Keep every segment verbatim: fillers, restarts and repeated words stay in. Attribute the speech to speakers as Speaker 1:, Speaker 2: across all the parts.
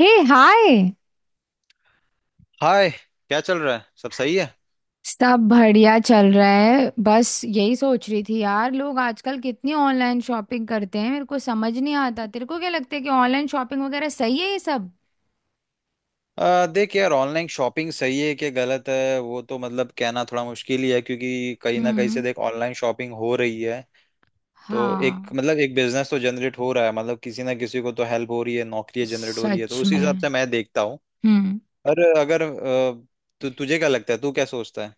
Speaker 1: हे hi.
Speaker 2: Hi, क्या चल रहा है? सब सही है?
Speaker 1: सब बढ़िया चल रहा है। बस यही सोच रही थी यार, लोग आजकल कितनी ऑनलाइन शॉपिंग करते हैं, मेरे को समझ नहीं आता। तेरे को क्या लगता है कि ऑनलाइन शॉपिंग वगैरह सही है ये सब?
Speaker 2: आ, देख यार, ऑनलाइन शॉपिंग सही है कि गलत है वो तो मतलब कहना थोड़ा मुश्किल ही है, क्योंकि कहीं ना कहीं
Speaker 1: हम्म।
Speaker 2: से देख ऑनलाइन शॉपिंग हो रही है। तो एक
Speaker 1: हाँ।
Speaker 2: मतलब एक बिजनेस तो जनरेट हो रहा है, मतलब किसी ना किसी को तो हेल्प हो रही है, नौकरियां जनरेट हो रही है, तो
Speaker 1: सच
Speaker 2: उसी हिसाब
Speaker 1: में।
Speaker 2: से मैं देखता हूँ।
Speaker 1: हम्म।
Speaker 2: पर अगर अ, तु, तुझे क्या लगता है? तू क्या सोचता है?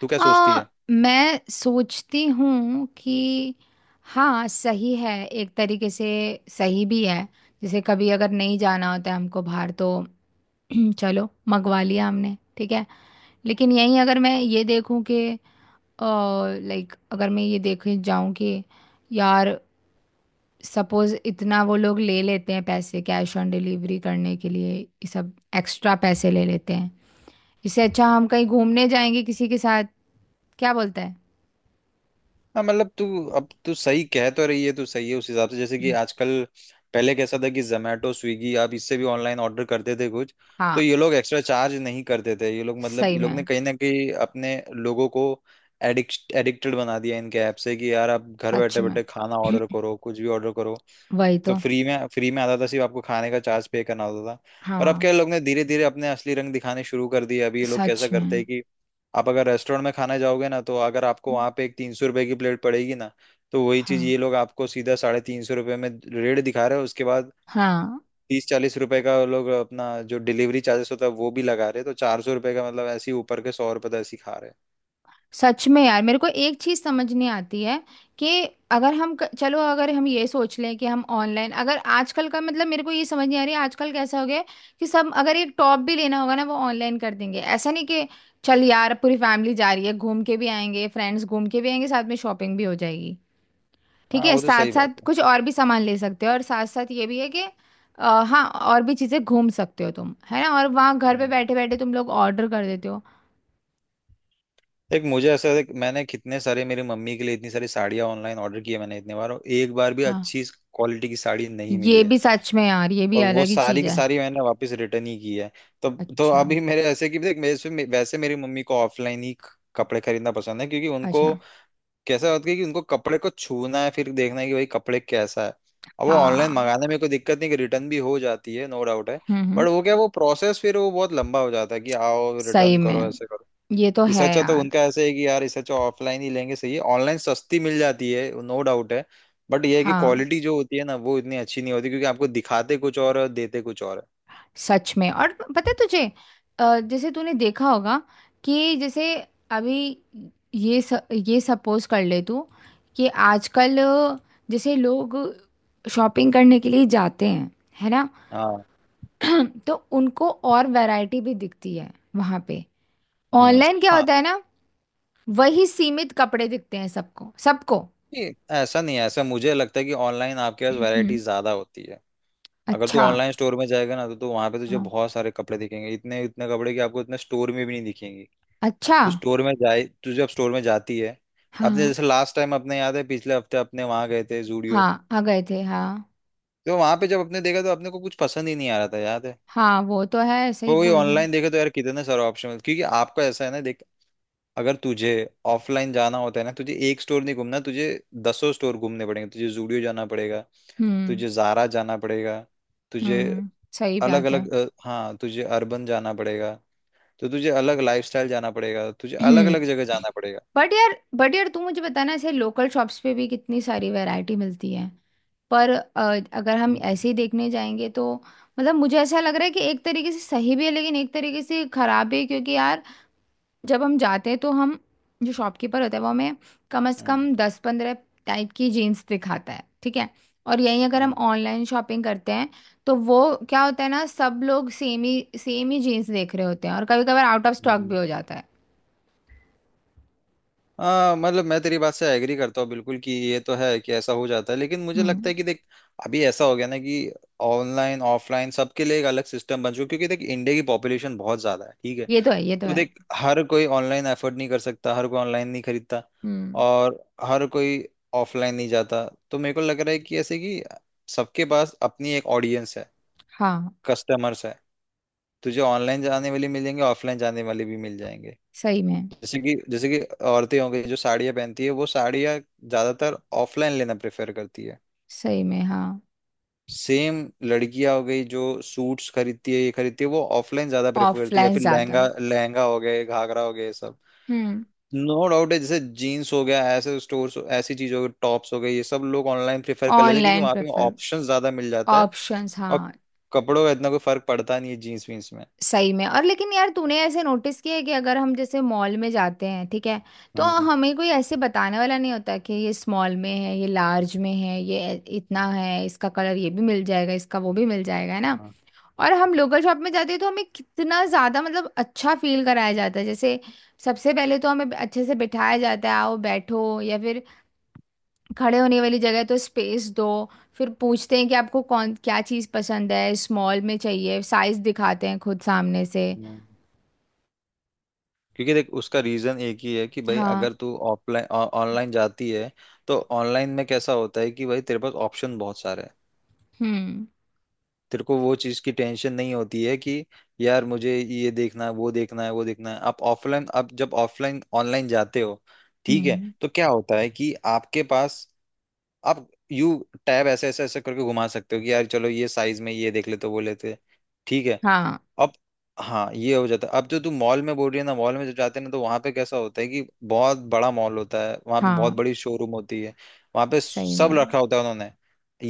Speaker 2: तू क्या सोचती
Speaker 1: आ,
Speaker 2: है?
Speaker 1: मैं सोचती हूँ कि हाँ सही है एक तरीके से। सही भी है। जैसे कभी अगर नहीं जाना होता है हमको बाहर तो चलो मंगवा लिया हमने, ठीक है। लेकिन यहीं अगर मैं ये देखूं कि लाइक अगर मैं ये देखे जाऊं कि यार सपोज इतना वो लोग ले लेते हैं पैसे कैश ऑन डिलीवरी करने के लिए, ये सब एक्स्ट्रा पैसे ले लेते हैं। इससे अच्छा हम कहीं घूमने जाएंगे किसी के साथ। क्या बोलता है?
Speaker 2: हाँ मतलब तू, अब तू सही कह तो रही है, तू सही है उस हिसाब से। जैसे कि आजकल पहले कैसा था कि जोमेटो, स्विगी, आप इससे भी ऑनलाइन ऑर्डर करते थे कुछ, तो
Speaker 1: हाँ।
Speaker 2: ये लोग एक्स्ट्रा चार्ज नहीं करते थे। ये लोग मतलब
Speaker 1: सही
Speaker 2: ये
Speaker 1: में।
Speaker 2: लोग ने कहीं ना कहीं अपने लोगों को एडिक्ट एडिक्टेड बना दिया इनके ऐप से कि यार आप घर
Speaker 1: सच
Speaker 2: बैठे
Speaker 1: में।
Speaker 2: बैठे खाना ऑर्डर करो, कुछ भी ऑर्डर करो,
Speaker 1: वही
Speaker 2: तो
Speaker 1: तो।
Speaker 2: फ्री में फ्री में आता था, सिर्फ आपको खाने का चार्ज पे करना होता था। पर अब
Speaker 1: हाँ।
Speaker 2: क्या लोग ने धीरे धीरे अपने असली रंग दिखाने शुरू कर दिए। अभी ये लोग कैसा
Speaker 1: सच में।
Speaker 2: करते हैं कि आप अगर रेस्टोरेंट में खाना जाओगे ना, तो अगर आपको वहां पे एक तीन सौ रुपए की प्लेट पड़ेगी ना, तो वही चीज
Speaker 1: हाँ।
Speaker 2: ये लोग आपको सीधा साढ़े तीन सौ रुपये में रेट दिखा रहे हैं। उसके बाद
Speaker 1: हाँ।
Speaker 2: तीस चालीस रुपए का वो लोग अपना जो डिलीवरी चार्जेस होता है वो भी लगा रहे हैं, तो चार सौ रुपए का, मतलब ऐसे ही ऊपर के सौ रुपए तो ऐसे ही खा रहे हैं।
Speaker 1: सच में यार, मेरे को एक चीज समझ नहीं आती है कि अगर हम क- चलो, अगर हम ये सोच लें कि हम ऑनलाइन अगर आजकल का मतलब मेरे को ये समझ नहीं आ रही है, आजकल कैसा हो गया है कि सब अगर एक टॉप भी लेना होगा ना वो ऑनलाइन कर देंगे, ऐसा नहीं कि चल यार पूरी फैमिली जा रही है, घूम के भी आएंगे, फ्रेंड्स घूम के भी आएंगे, साथ में शॉपिंग भी हो जाएगी। ठीक
Speaker 2: हाँ
Speaker 1: है,
Speaker 2: वो तो
Speaker 1: साथ
Speaker 2: सही
Speaker 1: साथ
Speaker 2: बात
Speaker 1: कुछ और भी सामान ले सकते हो और साथ साथ ये भी है कि अ, हाँ, और भी चीजें घूम सकते हो तुम, है ना? और वहाँ घर पे
Speaker 2: है।
Speaker 1: बैठे बैठे तुम लोग ऑर्डर कर देते हो।
Speaker 2: एक मुझे ऐसा है कि मैंने कितने सारे, मेरी मम्मी के लिए इतनी सारी साड़ियाँ ऑनलाइन ऑर्डर की है मैंने, इतने बार, और एक बार भी
Speaker 1: हाँ।
Speaker 2: अच्छी क्वालिटी की साड़ी नहीं मिली
Speaker 1: ये
Speaker 2: है,
Speaker 1: भी सच में यार, ये भी
Speaker 2: और वो
Speaker 1: अलग ही
Speaker 2: सारी
Speaker 1: चीज
Speaker 2: की
Speaker 1: है।
Speaker 2: सारी मैंने वापस रिटर्न ही की है। तो तो
Speaker 1: अच्छा।
Speaker 2: अभी मेरे ऐसे कि देख, मेरे से- वैसे मेरी मम्मी को ऑफलाइन ही कपड़े खरीदना पसंद है, क्योंकि उनको
Speaker 1: अच्छा।
Speaker 2: कैसा होता है कि उनको कपड़े को छूना है, फिर देखना है कि भाई कपड़े कैसा है। अब वो ऑनलाइन
Speaker 1: हाँ।
Speaker 2: मंगाने में कोई दिक्कत नहीं कि रिटर्न भी हो जाती है, नो डाउट है,
Speaker 1: हम्म। हम्म।
Speaker 2: बट वो क्या, वो प्रोसेस फिर वो बहुत लंबा हो जाता है कि आओ
Speaker 1: सही
Speaker 2: रिटर्न करो,
Speaker 1: में।
Speaker 2: ऐसे करो।
Speaker 1: ये तो
Speaker 2: इस
Speaker 1: है
Speaker 2: अच्छा तो
Speaker 1: यार।
Speaker 2: उनका ऐसे है कि यार इस अच्छा ऑफलाइन ही लेंगे, सही है। ऑनलाइन सस्ती मिल जाती है नो डाउट है, बट ये है कि
Speaker 1: हाँ,
Speaker 2: क्वालिटी जो होती है ना वो इतनी अच्छी नहीं होती, क्योंकि आपको दिखाते कुछ और और देते कुछ और है।
Speaker 1: सच में, और पता है तुझे अ, जैसे तूने देखा होगा कि जैसे अभी ये स, ये सपोज कर ले तू कि आजकल अ, जैसे लोग शॉपिंग करने के लिए जाते हैं, है ना?
Speaker 2: हाँ।
Speaker 1: तो उनको और वैरायटी भी दिखती है वहां पे।
Speaker 2: हम्म।
Speaker 1: ऑनलाइन क्या
Speaker 2: हाँ।
Speaker 1: होता है ना, वही सीमित कपड़े दिखते हैं सबको सबको।
Speaker 2: ये ऐसा नहीं है, ऐसा मुझे लगता है कि ऑनलाइन आपके पास वैरायटी
Speaker 1: हम्म।
Speaker 2: ज्यादा होती है। अगर तू
Speaker 1: अच्छा।
Speaker 2: ऑनलाइन स्टोर में जाएगा ना, तो, तो वहां पे तुझे
Speaker 1: हाँ।
Speaker 2: बहुत सारे कपड़े दिखेंगे, इतने इतने कपड़े कि आपको इतने स्टोर में भी नहीं दिखेंगे।
Speaker 1: अच्छा।
Speaker 2: तो स्टोर में जाए, तू जब स्टोर में जाती है, अपने
Speaker 1: हाँ।
Speaker 2: जैसे लास्ट टाइम, अपने याद है पिछले हफ्ते अपने वहां गए थे जूडियो,
Speaker 1: हाँ आ गए थे, हाँ।
Speaker 2: तो वहां पे जब आपने देखा तो आपने को कुछ पसंद ही नहीं आ रहा था, याद है?
Speaker 1: हाँ वो तो है, सही
Speaker 2: वो वही
Speaker 1: बोल रहे हैं।
Speaker 2: ऑनलाइन देखे तो यार कितने सारे ऑप्शन, क्योंकि आपका ऐसा है ना देख, अगर तुझे ऑफलाइन जाना होता है ना, तुझे एक स्टोर नहीं घूमना, तुझे दसों स्टोर घूमने पड़ेंगे, तुझे जूडियो जाना पड़ेगा,
Speaker 1: हम्म।
Speaker 2: तुझे जारा जाना पड़ेगा, तुझे
Speaker 1: हम्म। सही
Speaker 2: अलग
Speaker 1: बात है।
Speaker 2: अलग, हाँ तुझे अर्बन जाना पड़ेगा, तो तुझे अलग लाइफस्टाइल जाना पड़ेगा, तुझे अलग
Speaker 1: हम्म।
Speaker 2: अलग जगह जाना पड़ेगा।
Speaker 1: बट यार बट यार तू मुझे बताना, ऐसे लोकल शॉप्स पे भी कितनी सारी वैरायटी मिलती है। पर अ, अगर हम
Speaker 2: हम्म।
Speaker 1: ऐसे ही देखने जाएंगे तो मतलब मुझे ऐसा लग रहा है कि एक तरीके से सही भी है लेकिन एक तरीके से खराब भी है, क्योंकि यार जब हम जाते हैं तो हम, जो शॉपकीपर होता है वो हमें कम से
Speaker 2: हम्म।
Speaker 1: कम दस पंद्रह टाइप की जीन्स दिखाता है, ठीक है। और यहीं अगर हम ऑनलाइन शॉपिंग करते हैं तो वो क्या होता है ना, सब लोग सेम ही सेम ही जीन्स देख रहे होते हैं और कभी कभार आउट ऑफ स्टॉक
Speaker 2: हम्म।
Speaker 1: भी हो जाता है।
Speaker 2: हाँ मतलब मैं तेरी बात से एग्री करता हूँ बिल्कुल कि ये तो है कि ऐसा हो जाता है, लेकिन मुझे लगता
Speaker 1: हम्म।
Speaker 2: है कि देख, अभी ऐसा हो गया ना कि ऑनलाइन ऑफलाइन सबके लिए एक अलग सिस्टम बन चुका है, क्योंकि देख इंडिया की पॉपुलेशन बहुत ज्यादा है, ठीक है?
Speaker 1: ये तो है, ये तो
Speaker 2: तो
Speaker 1: है।
Speaker 2: देख हर कोई ऑनलाइन एफर्ट नहीं कर सकता, हर कोई ऑनलाइन नहीं खरीदता,
Speaker 1: हम्म।
Speaker 2: और हर कोई ऑफलाइन नहीं जाता। तो मेरे को लग रहा है कि ऐसे कि सबके पास अपनी एक ऑडियंस है,
Speaker 1: हाँ।
Speaker 2: कस्टमर्स है, तुझे ऑनलाइन जाने वाले मिलेंगे, ऑफलाइन जाने वाले भी मिल जाएंगे।
Speaker 1: सही में,
Speaker 2: जैसे कि जैसे कि औरतें हो गई जो साड़ियाँ पहनती है, वो साड़ियाँ ज्यादातर ऑफलाइन लेना प्रेफर करती है।
Speaker 1: सही में। हाँ।
Speaker 2: सेम लड़कियां हो गई जो सूट्स खरीदती है, ये खरीदती है, वो ऑफलाइन ज्यादा प्रेफर करती है, या
Speaker 1: ऑफलाइन
Speaker 2: फिर
Speaker 1: ज्यादा।
Speaker 2: लहंगा लहंगा हो गए, घाघरा हो गए ये सब।
Speaker 1: हम्म।
Speaker 2: नो डाउट है, जैसे जीन्स हो गया, ऐसे स्टोर्स, ऐसी चीज हो गई, टॉप्स हो गई, ये सब लोग ऑनलाइन प्रेफर कर लेते हैं, क्योंकि
Speaker 1: ऑनलाइन
Speaker 2: वहां पे
Speaker 1: प्रेफर।
Speaker 2: ऑप्शन ज्यादा मिल जाता है।
Speaker 1: ऑप्शंस।
Speaker 2: और
Speaker 1: हाँ।
Speaker 2: कपड़ों का इतना कोई फर्क पड़ता नहीं है जीन्स वीन्स में।
Speaker 1: सही में, और लेकिन यार तूने ऐसे नोटिस किया है कि अगर हम जैसे मॉल में जाते हैं, ठीक है, तो
Speaker 2: हम्म।
Speaker 1: हमें कोई ऐसे बताने वाला नहीं होता कि ये स्मॉल में है, ये लार्ज में है, ये ए- इतना है, इसका कलर ये भी मिल जाएगा इसका वो भी मिल जाएगा, है ना?
Speaker 2: हाँ।
Speaker 1: और हम लोकल शॉप में जाते हैं तो हमें कितना ज़्यादा मतलब अच्छा फील कराया जाता है, जैसे सबसे पहले तो हमें अच्छे से बिठाया जाता है, आओ बैठो, या फिर खड़े होने वाली जगह है तो स्पेस दो। फिर पूछते हैं कि आपको कौन क्या चीज़ पसंद है, स्मॉल में चाहिए, साइज़ दिखाते हैं खुद सामने से।
Speaker 2: हम्म। क्योंकि देख उसका रीजन एक ही है कि भाई
Speaker 1: हाँ।
Speaker 2: अगर तू ऑफलाइन ऑनलाइन जाती है, तो ऑनलाइन में कैसा होता है कि भाई तेरे पास ऑप्शन बहुत सारे हैं।
Speaker 1: हम्म।
Speaker 2: तेरे को वो चीज की टेंशन नहीं होती है कि यार मुझे ये देखना है, वो देखना है, वो देखना है। आप ऑफलाइन, आप जब ऑफलाइन ऑनलाइन जाते हो, ठीक है,
Speaker 1: हम्म।
Speaker 2: तो क्या होता है कि आपके पास, आप यू टैब ऐसे ऐसे ऐसे करके घुमा सकते हो कि यार चलो ये साइज में ये देख लेते हो, वो लेते हैं। ठीक है।
Speaker 1: हाँ।
Speaker 2: अब हाँ, ये हो जाता है। अब जो तू मॉल में बोल रही है ना, मॉल में जब जाते हैं ना तो वहां पे कैसा होता है कि बहुत बड़ा मॉल होता है, वहां पे
Speaker 1: हाँ।
Speaker 2: बहुत बड़ी शोरूम होती है, वहां पे
Speaker 1: सही
Speaker 2: सब
Speaker 1: में।
Speaker 2: रखा होता है उन्होंने,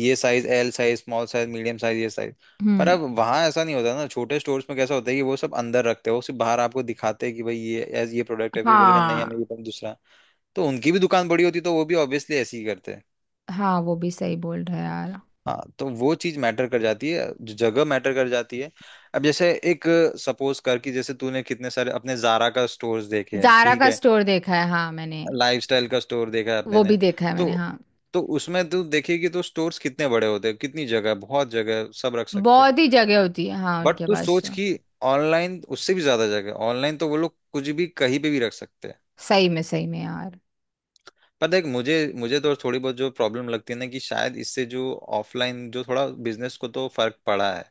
Speaker 2: ये size, L size, small size, medium size, ये साइज। पर
Speaker 1: हम्म।
Speaker 2: अब वहां ऐसा नहीं होता ना, छोटे स्टोर्स में कैसा होता है कि वो सब अंदर रखते हैं, वो सिर्फ बाहर आपको दिखाते हैं कि भाई ये ये प्रोडक्ट है, फिर बोलेंगे नहीं हमें
Speaker 1: हाँ।
Speaker 2: ये पसंद दूसरा। तो उनकी भी दुकान बड़ी होती तो वो भी ऑब्वियसली ऐसे ही करते हैं।
Speaker 1: हाँ वो भी सही बोल रहा है यार।
Speaker 2: हाँ तो वो चीज मैटर कर जाती है, जो जगह मैटर कर जाती है। अब जैसे एक सपोज कर कि जैसे तूने कितने सारे अपने जारा का स्टोर्स देखे हैं,
Speaker 1: जारा
Speaker 2: ठीक
Speaker 1: का
Speaker 2: है,
Speaker 1: स्टोर देखा है, हाँ मैंने।
Speaker 2: लाइफस्टाइल का स्टोर देखा है अपने
Speaker 1: वो भी
Speaker 2: ने,
Speaker 1: देखा है
Speaker 2: तो
Speaker 1: मैंने, हाँ।
Speaker 2: तो उसमें तू देखेगी तो स्टोर्स कितने बड़े होते हैं, कितनी जगह है, बहुत जगह है, सब रख सकते हैं।
Speaker 1: बहुत ही जगह होती है हाँ,
Speaker 2: बट
Speaker 1: उनके
Speaker 2: तू
Speaker 1: पास तो।
Speaker 2: सोच कि ऑनलाइन उससे भी ज्यादा जगह है, ऑनलाइन तो वो लोग कुछ भी कहीं पे भी रख सकते हैं।
Speaker 1: सही में, सही में यार।
Speaker 2: पर देख मुझे मुझे तो थोड़ी बहुत जो प्रॉब्लम लगती है ना कि शायद इससे जो ऑफलाइन, जो थोड़ा बिजनेस को तो फर्क पड़ा है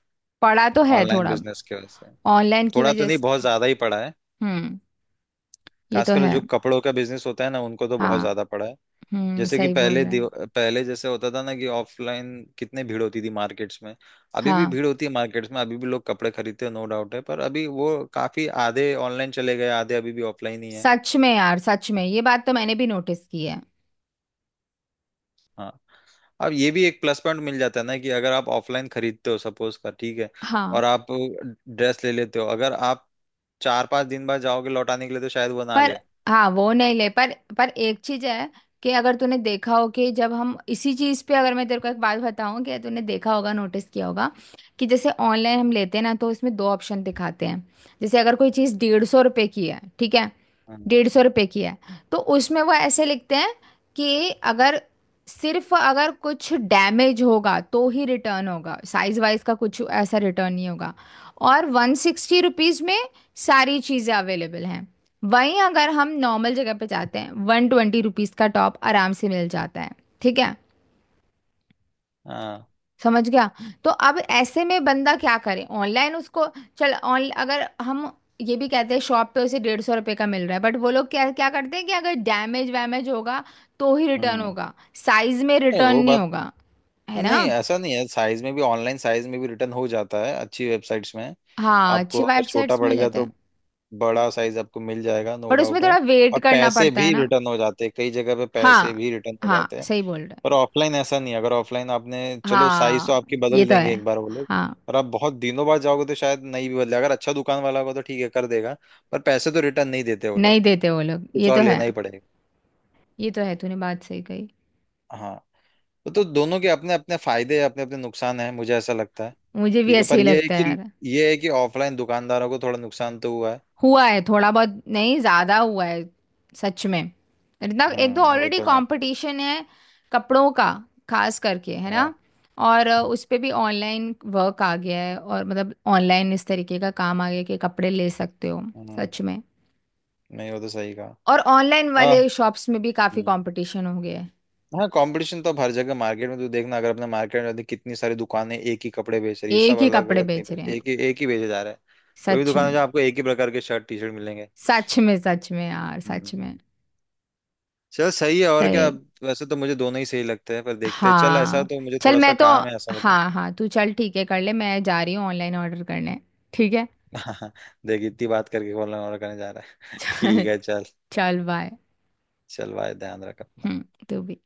Speaker 1: पढ़ा तो है
Speaker 2: ऑनलाइन
Speaker 1: थोड़ा।
Speaker 2: बिजनेस की वजह से।
Speaker 1: ऑनलाइन की
Speaker 2: थोड़ा तो
Speaker 1: वजह
Speaker 2: नहीं, बहुत
Speaker 1: से।
Speaker 2: ज्यादा ही पड़ा है,
Speaker 1: हम्म। ये तो
Speaker 2: खासकर
Speaker 1: है।
Speaker 2: जो कपड़ों का बिजनेस होता है ना, उनको तो बहुत
Speaker 1: हाँ।
Speaker 2: ज्यादा पड़ा है।
Speaker 1: हम्म,
Speaker 2: जैसे कि
Speaker 1: सही बोल
Speaker 2: पहले
Speaker 1: रहे हैं।
Speaker 2: दिव- पहले जैसे होता था ना कि ऑफलाइन कितनी भीड़ होती थी मार्केट्स में, अभी भी
Speaker 1: हाँ
Speaker 2: भीड़ होती है मार्केट्स में, अभी भी लोग कपड़े खरीदते हैं नो डाउट है, पर अभी वो काफी आधे ऑनलाइन चले गए, आधे अभी भी ऑफलाइन ही है।
Speaker 1: सच में यार, सच में ये बात तो मैंने भी नोटिस की है।
Speaker 2: हाँ। अब ये भी एक प्लस पॉइंट मिल जाता है ना कि अगर आप ऑफलाइन खरीदते हो, सपोज कर ठीक है,
Speaker 1: हाँ।
Speaker 2: और आप ड्रेस ले लेते हो, अगर आप चार पांच दिन बाद जाओगे लौटाने के लिए तो शायद वो ना ले।
Speaker 1: पर हाँ वो नहीं ले, पर पर एक चीज है कि अगर तूने देखा हो कि जब हम इसी चीज पे अगर मैं तेरे को एक बात बताऊं कि तूने देखा होगा, नोटिस किया होगा कि जैसे ऑनलाइन हम लेते हैं ना तो इसमें दो ऑप्शन दिखाते हैं। जैसे अगर कोई चीज डेढ़ सौ रुपए की है, ठीक है।
Speaker 2: हाँ।
Speaker 1: डेढ़ सौ रुपये की है। तो उसमें वो ऐसे लिखते हैं कि अगर सिर्फ अगर कुछ डैमेज होगा तो ही रिटर्न होगा, साइज वाइज का कुछ ऐसा रिटर्न नहीं होगा। और वन सिक्सटी रुपीज़ में सारी चीज़ें अवेलेबल हैं। वहीं अगर हम नॉर्मल जगह पे जाते हैं वन ट्वेंटी रुपीज़ का टॉप आराम से मिल जाता है, ठीक है।
Speaker 2: हाँ।
Speaker 1: समझ गया। तो अब ऐसे में बंदा क्या करे ऑनलाइन उसको, चल ऑन अगर हम ये भी कहते हैं शॉप पे उसे डेढ़ सौ रुपये का मिल रहा है, बट वो लोग क्या क्या करते हैं कि अगर डैमेज वैमेज होगा तो ही रिटर्न
Speaker 2: हम्म।
Speaker 1: होगा, साइज में
Speaker 2: नहीं,
Speaker 1: रिटर्न
Speaker 2: वो
Speaker 1: नहीं
Speaker 2: बात
Speaker 1: होगा, है ना?
Speaker 2: नहीं, ऐसा नहीं है। साइज में भी ऑनलाइन, साइज में भी रिटर्न हो जाता है अच्छी वेबसाइट्स में।
Speaker 1: हाँ,
Speaker 2: आपको
Speaker 1: अच्छी
Speaker 2: अगर छोटा
Speaker 1: वेबसाइट्स में हो
Speaker 2: पड़ेगा
Speaker 1: जाता
Speaker 2: तो
Speaker 1: है।
Speaker 2: बड़ा साइज आपको मिल जाएगा, नो
Speaker 1: बट उसमें
Speaker 2: डाउट
Speaker 1: थोड़ा
Speaker 2: है,
Speaker 1: वेट
Speaker 2: और
Speaker 1: करना
Speaker 2: पैसे
Speaker 1: पड़ता
Speaker 2: भी
Speaker 1: है ना।
Speaker 2: रिटर्न हो जाते हैं, कई जगह पे पैसे
Speaker 1: हाँ।
Speaker 2: भी रिटर्न हो
Speaker 1: हाँ
Speaker 2: जाते हैं।
Speaker 1: सही बोल रहे हैं।
Speaker 2: पर ऑफलाइन ऐसा नहीं है। अगर ऑफलाइन आपने, चलो साइज तो
Speaker 1: हाँ।
Speaker 2: आपकी
Speaker 1: ये
Speaker 2: बदल
Speaker 1: तो
Speaker 2: देंगे
Speaker 1: है।
Speaker 2: एक बार वो लोग,
Speaker 1: हाँ।
Speaker 2: पर आप बहुत दिनों बाद जाओगे तो शायद नहीं भी बदले, अगर अच्छा दुकान वाला होगा तो ठीक है कर देगा, पर पैसे तो रिटर्न नहीं देते वो लोग,
Speaker 1: नहीं देते वो लोग,
Speaker 2: कुछ
Speaker 1: ये
Speaker 2: और
Speaker 1: तो है।
Speaker 2: लेना ही पड़ेगा।
Speaker 1: ये तो है, तूने बात सही कही।
Speaker 2: हाँ। वो तो दोनों के अपने अपने फायदे हैं, अपने अपने नुकसान हैं, मुझे ऐसा लगता है।
Speaker 1: मुझे भी
Speaker 2: ठीक है,
Speaker 1: ऐसे
Speaker 2: पर
Speaker 1: ही
Speaker 2: ये है
Speaker 1: लगता है
Speaker 2: कि,
Speaker 1: यार।
Speaker 2: ये है कि ऑफलाइन दुकानदारों को थोड़ा नुकसान तो हुआ है।
Speaker 1: हुआ है थोड़ा बहुत नहीं, ज्यादा हुआ है। सच में। इतना एक तो
Speaker 2: हम्म वो
Speaker 1: ऑलरेडी
Speaker 2: तो है।
Speaker 1: कंपटीशन है कपड़ों का, खास करके, है ना?
Speaker 2: हाँ।
Speaker 1: और अ, उस पे भी ऑनलाइन वर्क आ गया है और मतलब ऑनलाइन इस तरीके का काम आ गया कि कपड़े ले सकते हो।
Speaker 2: हम्म।
Speaker 1: सच में।
Speaker 2: नहीं, वो तो सही कहा।
Speaker 1: और ऑनलाइन
Speaker 2: आ,
Speaker 1: वाले शॉप्स में भी काफी
Speaker 2: हम्म।
Speaker 1: कंपटीशन हो गया है।
Speaker 2: हाँ, कंपटीशन तो अब हर जगह, मार्केट में तू देखना, अगर अपने मार्केट में देख, कितनी सारी दुकानें एक ही कपड़े बेच रही है, सब
Speaker 1: एक ही
Speaker 2: अलग
Speaker 1: कपड़े
Speaker 2: अलग नहीं
Speaker 1: बेच रहे
Speaker 2: बेच,
Speaker 1: हैं।
Speaker 2: एक ही एक ही बेचे जा रहा है। कोई भी
Speaker 1: सच
Speaker 2: दुकान है
Speaker 1: में।
Speaker 2: जहाँ आपको एक ही प्रकार के शर्ट टी शर्ट मिलेंगे।
Speaker 1: सच में। सच में यार,
Speaker 2: हम्म।
Speaker 1: सच में।
Speaker 2: चल सही है, और
Speaker 1: सही
Speaker 2: क्या।
Speaker 1: है।
Speaker 2: वैसे तो मुझे दोनों ही सही लगते हैं, पर देखते हैं, चल ऐसा
Speaker 1: हाँ।
Speaker 2: तो मुझे
Speaker 1: चल,
Speaker 2: थोड़ा
Speaker 1: मैं
Speaker 2: सा
Speaker 1: तो।
Speaker 2: काम है, ऐसा तो।
Speaker 1: हाँ हाँ तू चल, ठीक है कर ले, मैं जा रही हूँ ऑनलाइन ऑर्डर करने। ठीक है।
Speaker 2: देख इतनी बात करके कॉल नंबर करने जा रहा है।
Speaker 1: चल,
Speaker 2: ठीक है चल।
Speaker 1: चल बाय।
Speaker 2: चल भाई ध्यान रख अपना।
Speaker 1: हम्म, तू भी।